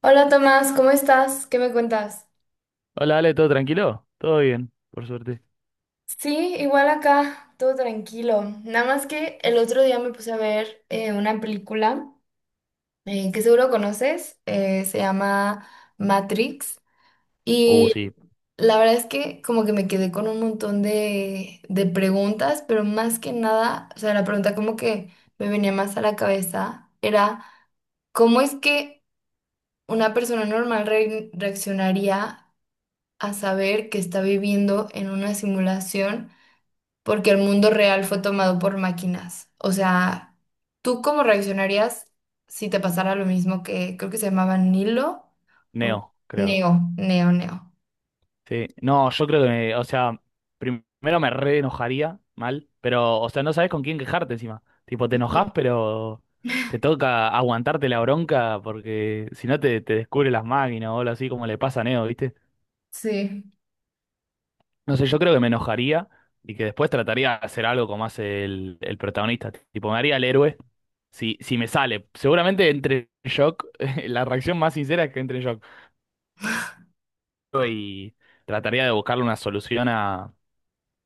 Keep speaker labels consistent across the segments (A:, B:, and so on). A: Hola Tomás, ¿cómo estás? ¿Qué me cuentas?
B: Hola, Ale, ¿todo tranquilo? Todo bien, por suerte.
A: Sí, igual acá, todo tranquilo. Nada más que el otro día me puse a ver una película que seguro conoces, se llama Matrix,
B: Uh,
A: y
B: sí,
A: la verdad es que como que me quedé con un montón de preguntas, pero más que nada, o sea, la pregunta como que me venía más a la cabeza era... ¿Cómo es que una persona normal reaccionaría a saber que está viviendo en una simulación porque el mundo real fue tomado por máquinas? O sea, ¿tú cómo reaccionarías si te pasara lo mismo que, creo que se llamaba Nilo o
B: Neo, creo.
A: Neo, Neo?
B: Sí, no, yo creo que me, o sea, primero me re enojaría mal, pero, o sea, no sabes con quién quejarte encima. Tipo, te enojas,
A: Ujú.
B: pero te toca aguantarte la bronca porque si no te descubre las máquinas o algo así como le pasa a Neo, ¿viste?
A: Sí.
B: No sé, yo creo que me enojaría y que después trataría de hacer algo como hace el protagonista. Tipo, me haría el héroe. Si me sale, seguramente entre en shock. La reacción más sincera es que entre en shock. Y trataría de buscarle una solución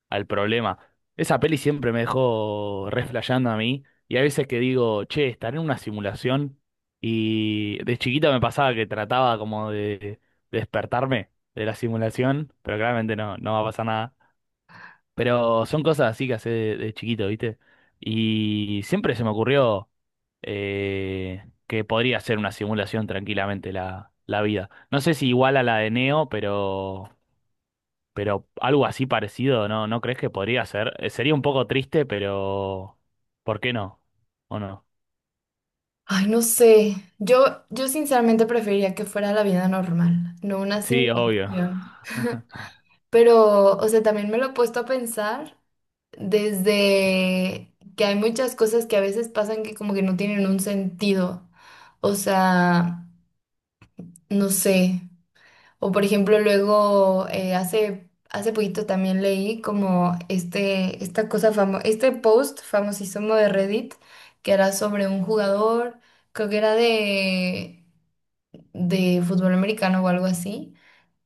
B: al problema. Esa peli siempre me dejó reflejando a mí y hay veces que digo, che, estaré en una simulación y de chiquita me pasaba que trataba como de despertarme de la simulación, pero claramente no va a pasar nada. Pero son cosas así que hace de chiquito, ¿viste? Y siempre se me ocurrió que podría ser una simulación tranquilamente la vida. No sé si igual a la de Neo, pero... Pero algo así parecido, ¿no? ¿No crees que podría ser? Sería un poco triste, pero ¿por qué no? ¿O no?
A: Ay, no sé. Yo sinceramente preferiría que fuera la vida normal, no una
B: Sí, obvio.
A: simulación. Pero, o sea, también me lo he puesto a pensar, desde que hay muchas cosas que a veces pasan que como que no tienen un sentido. O sea, no sé. O por ejemplo, luego hace poquito también leí como esta cosa este post famosísimo de Reddit que era sobre un jugador, creo que era de fútbol americano o algo así,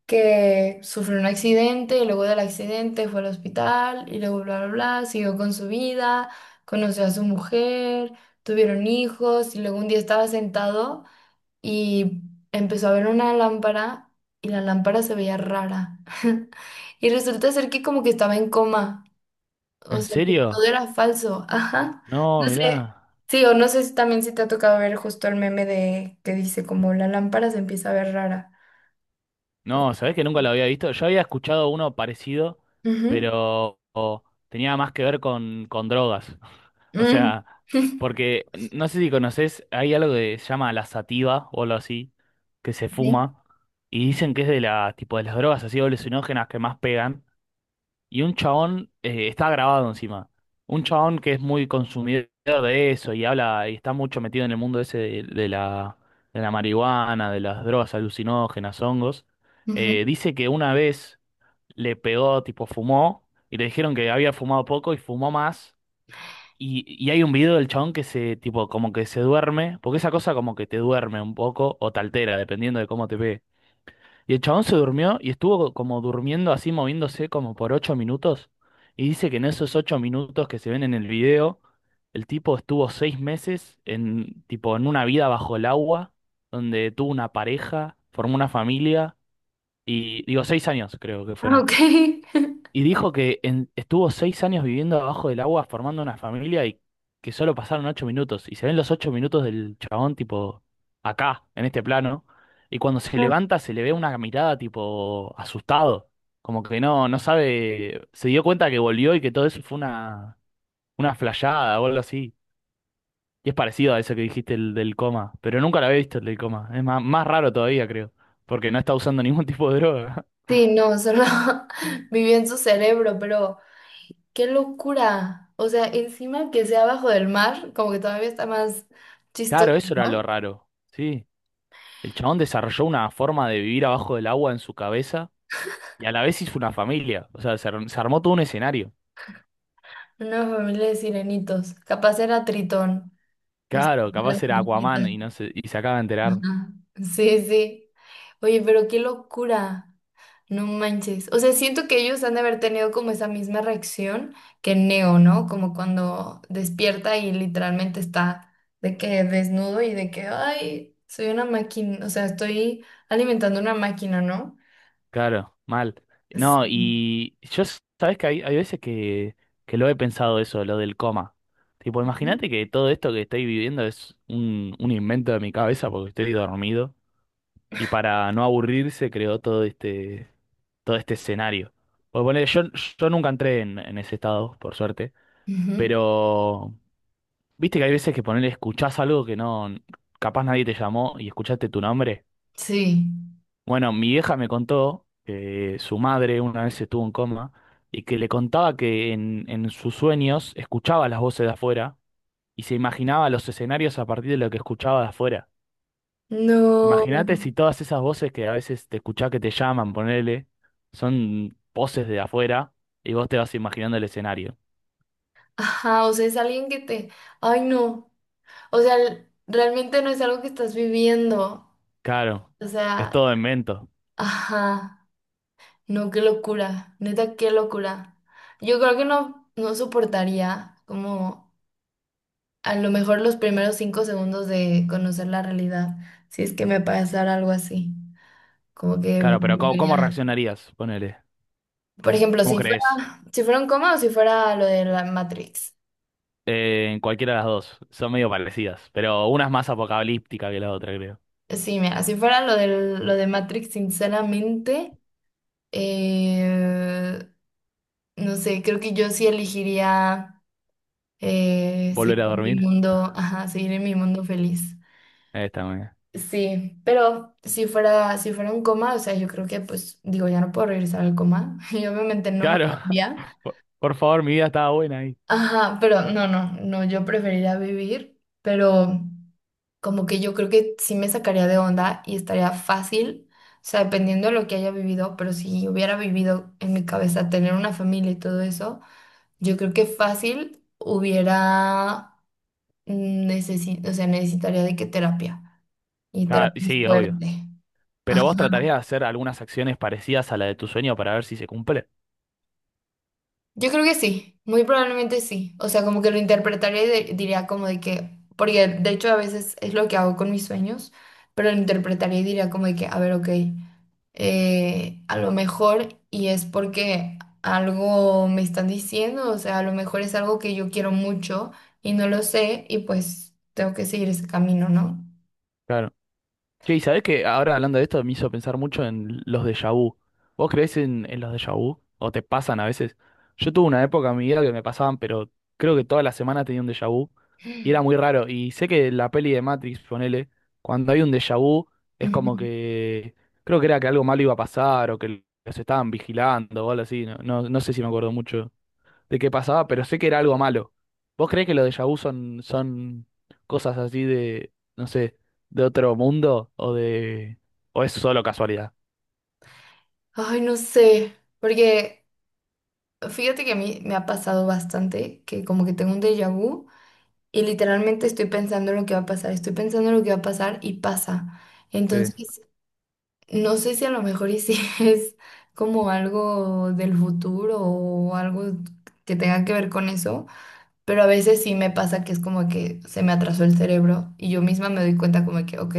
A: que sufrió un accidente y luego del accidente fue al hospital y luego bla, bla, bla, siguió con su vida, conoció a su mujer, tuvieron hijos y luego un día estaba sentado y empezó a ver una lámpara y la lámpara se veía rara. Y resulta ser que como que estaba en coma, o
B: ¿En
A: sea, que todo
B: serio?
A: era falso. Ajá.
B: No,
A: No sé.
B: mirá.
A: Sí, o no sé si también si te ha tocado ver justo el meme de que dice como la lámpara se empieza a ver rara.
B: No, ¿sabés que nunca lo había visto? Yo había escuchado uno parecido,
A: Ujú.
B: pero o, tenía más que ver con drogas. O
A: Mm.
B: sea, porque no sé si conocés, hay algo que se llama la sativa o algo así, que se
A: Sí.
B: fuma, y dicen que es de la, tipo de las drogas así alucinógenas que más pegan. Y un chabón, está grabado encima. Un chabón que es muy consumidor de eso y habla y está mucho metido en el mundo ese de, de la marihuana, de las drogas alucinógenas, hongos. eh,
A: Ujú.
B: dice que una vez le pegó, tipo fumó, y le dijeron que había fumado poco y fumó más. Y hay un video del chabón que se, tipo, como que se duerme, porque esa cosa como que te duerme un poco o te altera, dependiendo de cómo te pegue. Y el chabón se durmió y estuvo como durmiendo así, moviéndose como por 8 minutos. Y dice que en esos 8 minutos que se ven en el video, el tipo estuvo 6 meses en, tipo, en una vida bajo el agua, donde tuvo una pareja, formó una familia, y digo, 6 años creo que
A: Ah,
B: fueron.
A: ok.
B: Y dijo que en- estuvo 6 años viviendo abajo del agua formando una familia y que solo pasaron 8 minutos. Y se ven los 8 minutos del chabón, tipo, acá, en este plano. Y cuando se
A: Ah.
B: levanta se le ve una mirada, tipo, asustado. Como que no, no sabe, se dio cuenta que volvió y que todo eso fue una flayada o algo así. Y es parecido a eso que dijiste el del coma, pero nunca lo había visto el del coma. Es más, más raro todavía, creo, porque no está usando ningún tipo de droga.
A: Sí, no, solo viví en su cerebro, pero qué locura. O sea, encima que sea abajo del mar, como que todavía está más chistoso,
B: Claro, eso era
A: ¿no?
B: lo raro. Sí. El chabón desarrolló una forma de vivir abajo del agua en su cabeza y a la vez hizo una familia. O sea, se armó todo un escenario.
A: Una familia de sirenitos. Capaz era Tritón. Y son
B: Claro,
A: las
B: capaz era Aquaman
A: sirenitas.
B: y no se, y se acaba de enterar.
A: Ajá. Sí, sí. Oye, pero qué locura. No manches. O sea, siento que ellos han de haber tenido como esa misma reacción que Neo, ¿no? Como cuando despierta y literalmente está de que desnudo y de que, ay, soy una máquina, o sea, estoy alimentando una máquina, ¿no?
B: Claro, mal. No,
A: Sí.
B: y yo, sabes que hay, veces que lo he pensado eso, lo del coma. Tipo,
A: Ujú.
B: imagínate que todo esto que estoy viviendo es un invento de mi cabeza porque estoy dormido. Y para no aburrirse creó todo este escenario. Pues bueno, yo nunca entré en ese estado, por suerte.
A: Ujú.
B: Pero, viste que hay veces que ponerle escuchás algo que no, capaz nadie te llamó y escuchaste tu nombre.
A: Sí.
B: Bueno, mi vieja me contó que su madre una vez estuvo en coma y que le contaba que en sus sueños escuchaba las voces de afuera y se imaginaba los escenarios a partir de lo que escuchaba de afuera.
A: No.
B: Imagínate si todas esas voces que a veces te escuchás que te llaman, ponele, son voces de afuera y vos te vas imaginando el escenario.
A: Ajá, o sea, es alguien que te, ay, no. O sea, realmente no es algo que estás viviendo.
B: Claro,
A: O
B: es
A: sea,
B: todo invento.
A: ajá, no, qué locura, neta, qué locura. Yo creo que no soportaría como a lo mejor los primeros 5 segundos de conocer la realidad, si es que me pasara algo así, como que me
B: Claro, pero ¿cómo, cómo
A: volvería...
B: reaccionarías? Ponele.
A: Por ejemplo,
B: ¿Cómo crees?
A: si fuera un coma, o si fuera lo de la Matrix.
B: En cualquiera de las dos. Son medio parecidas, pero una es más apocalíptica que la otra, creo.
A: Sí, mira, si fuera lo de Matrix, sinceramente, eh, no sé, creo que yo sí elegiría...
B: ¿Volver
A: seguir
B: a
A: en mi
B: dormir?
A: mundo, ajá, seguir en mi mundo feliz.
B: Esta, mía.
A: Sí, pero si fuera un coma, o sea, yo creo que pues digo, ya no puedo regresar al coma y obviamente no me
B: Claro.
A: gustaría.
B: Por favor, mi vida estaba buena ahí.
A: Ajá, pero no, yo preferiría vivir, pero como que yo creo que sí me sacaría de onda y estaría fácil, o sea, dependiendo de lo que haya vivido, pero si hubiera vivido en mi cabeza tener una familia y todo eso, yo creo que fácil hubiera... Necesito, o sea, necesitaría de qué terapia. Y
B: Claro,
A: terapia
B: sí, obvio.
A: fuerte. Ajá.
B: Pero vos tratarías de hacer algunas acciones parecidas a la de tu sueño para ver si se cumple.
A: Yo creo que sí, muy probablemente sí. O sea, como que lo interpretaría y diría como de que, porque de hecho a veces es lo que hago con mis sueños, pero lo interpretaría y diría como de que, a ver, ok, a lo mejor y es porque algo me están diciendo, o sea, a lo mejor es algo que yo quiero mucho y no lo sé y pues tengo que seguir ese camino, ¿no?
B: Claro. Che, y sabés que ahora hablando de esto me hizo pensar mucho en los déjà vu. ¿Vos creés en los déjà vu? ¿O te pasan a veces? Yo tuve una época en mi vida que me pasaban, pero creo que toda la semana tenía un déjà vu y era muy raro. Y sé que la peli de Matrix, ponele, cuando hay un déjà vu es
A: Ujú.
B: como que creo que era que algo malo iba a pasar o que los estaban vigilando o algo así. No, no, no sé si me acuerdo mucho de qué pasaba, pero sé que era algo malo. ¿Vos creés que los déjà vu son cosas así de, no sé, de otro mundo o de... o es solo casualidad?
A: Ay, no sé, porque... Fíjate que a mí me ha pasado bastante, que como que tengo un déjà vu y literalmente estoy pensando en lo que va a pasar, estoy pensando en lo que va a pasar y pasa.
B: Sí.
A: Entonces, no sé si a lo mejor y si es como algo del futuro o algo que tenga que ver con eso, pero a veces sí me pasa que es como que se me atrasó el cerebro y yo misma me doy cuenta como que, ok,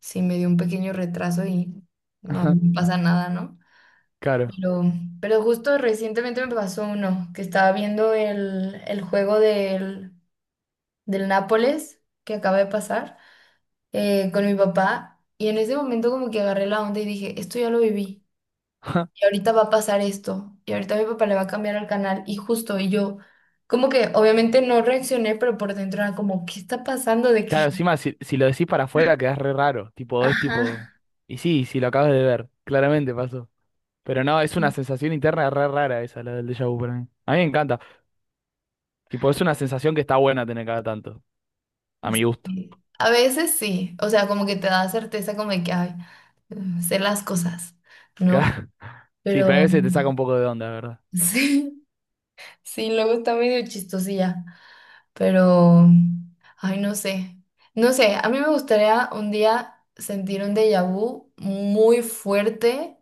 A: sí me dio un pequeño retraso y no,
B: Ajá,
A: no pasa nada, ¿no?
B: claro.
A: Pero, pero justo recientemente me pasó uno, que estaba viendo el juego del Nápoles que acaba de pasar con mi papá, y en ese momento como que agarré la onda y dije, esto ya lo viví
B: Ajá.
A: y ahorita va a pasar esto y ahorita mi papá le va a cambiar al canal y justo, y yo como que obviamente no reaccioné, pero por dentro era como, ¿qué está pasando? De
B: Claro,
A: que,
B: encima si, lo decís para afuera quedás re raro, tipo, es
A: ajá.
B: tipo... Y sí, si lo acabas de ver, claramente pasó. Pero no, es una
A: Sí.
B: sensación interna re rara esa, la del déjà vu para mí. A mí me encanta. Tipo, es una sensación que está buena tener cada tanto, a
A: Pues,
B: mi gusto.
A: sí. A veces sí, o sea, como que te da certeza como de que, ay, mm, sé las cosas, ¿no?
B: Sí, pero a
A: Pero
B: veces te saca un poco de onda, la ¿verdad?
A: sí, sí, luego está medio chistosilla, pero, ay, no sé, no sé, a mí me gustaría un día sentir un déjà vu muy fuerte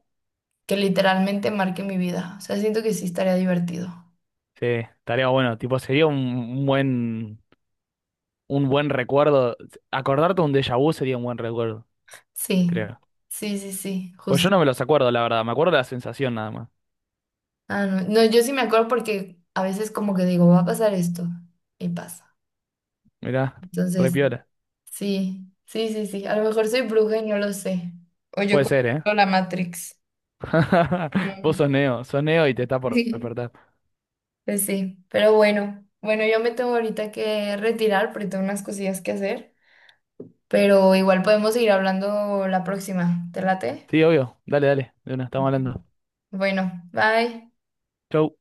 A: que literalmente marque mi vida. O sea, siento que sí estaría divertido.
B: Sí, estaría bueno. Tipo, sería un, un buen recuerdo. Acordarte un déjà vu sería un buen recuerdo,
A: Sí,
B: creo.
A: sí, sí, sí,
B: Pues yo
A: justo.
B: no me los acuerdo, la verdad. Me acuerdo de la sensación nada más.
A: Ah, no, no, yo sí me acuerdo porque a veces como que digo, va a pasar esto y pasa.
B: Mirá, re
A: Entonces,
B: piola.
A: sí, sí, sí, sí, a lo mejor soy bruja y no lo sé. O yo
B: Puede ser, ¿eh?
A: controlo la Matrix. No.
B: Vos sos Neo y te está por
A: Sí,
B: despertar.
A: pues sí, pero bueno, bueno, yo me tengo ahorita que retirar porque tengo unas cosillas que hacer, pero igual podemos seguir hablando la próxima, ¿te late?
B: Sí, obvio. Dale, dale. De una, estamos
A: Ujú.
B: hablando.
A: Bueno, bye.
B: Chau.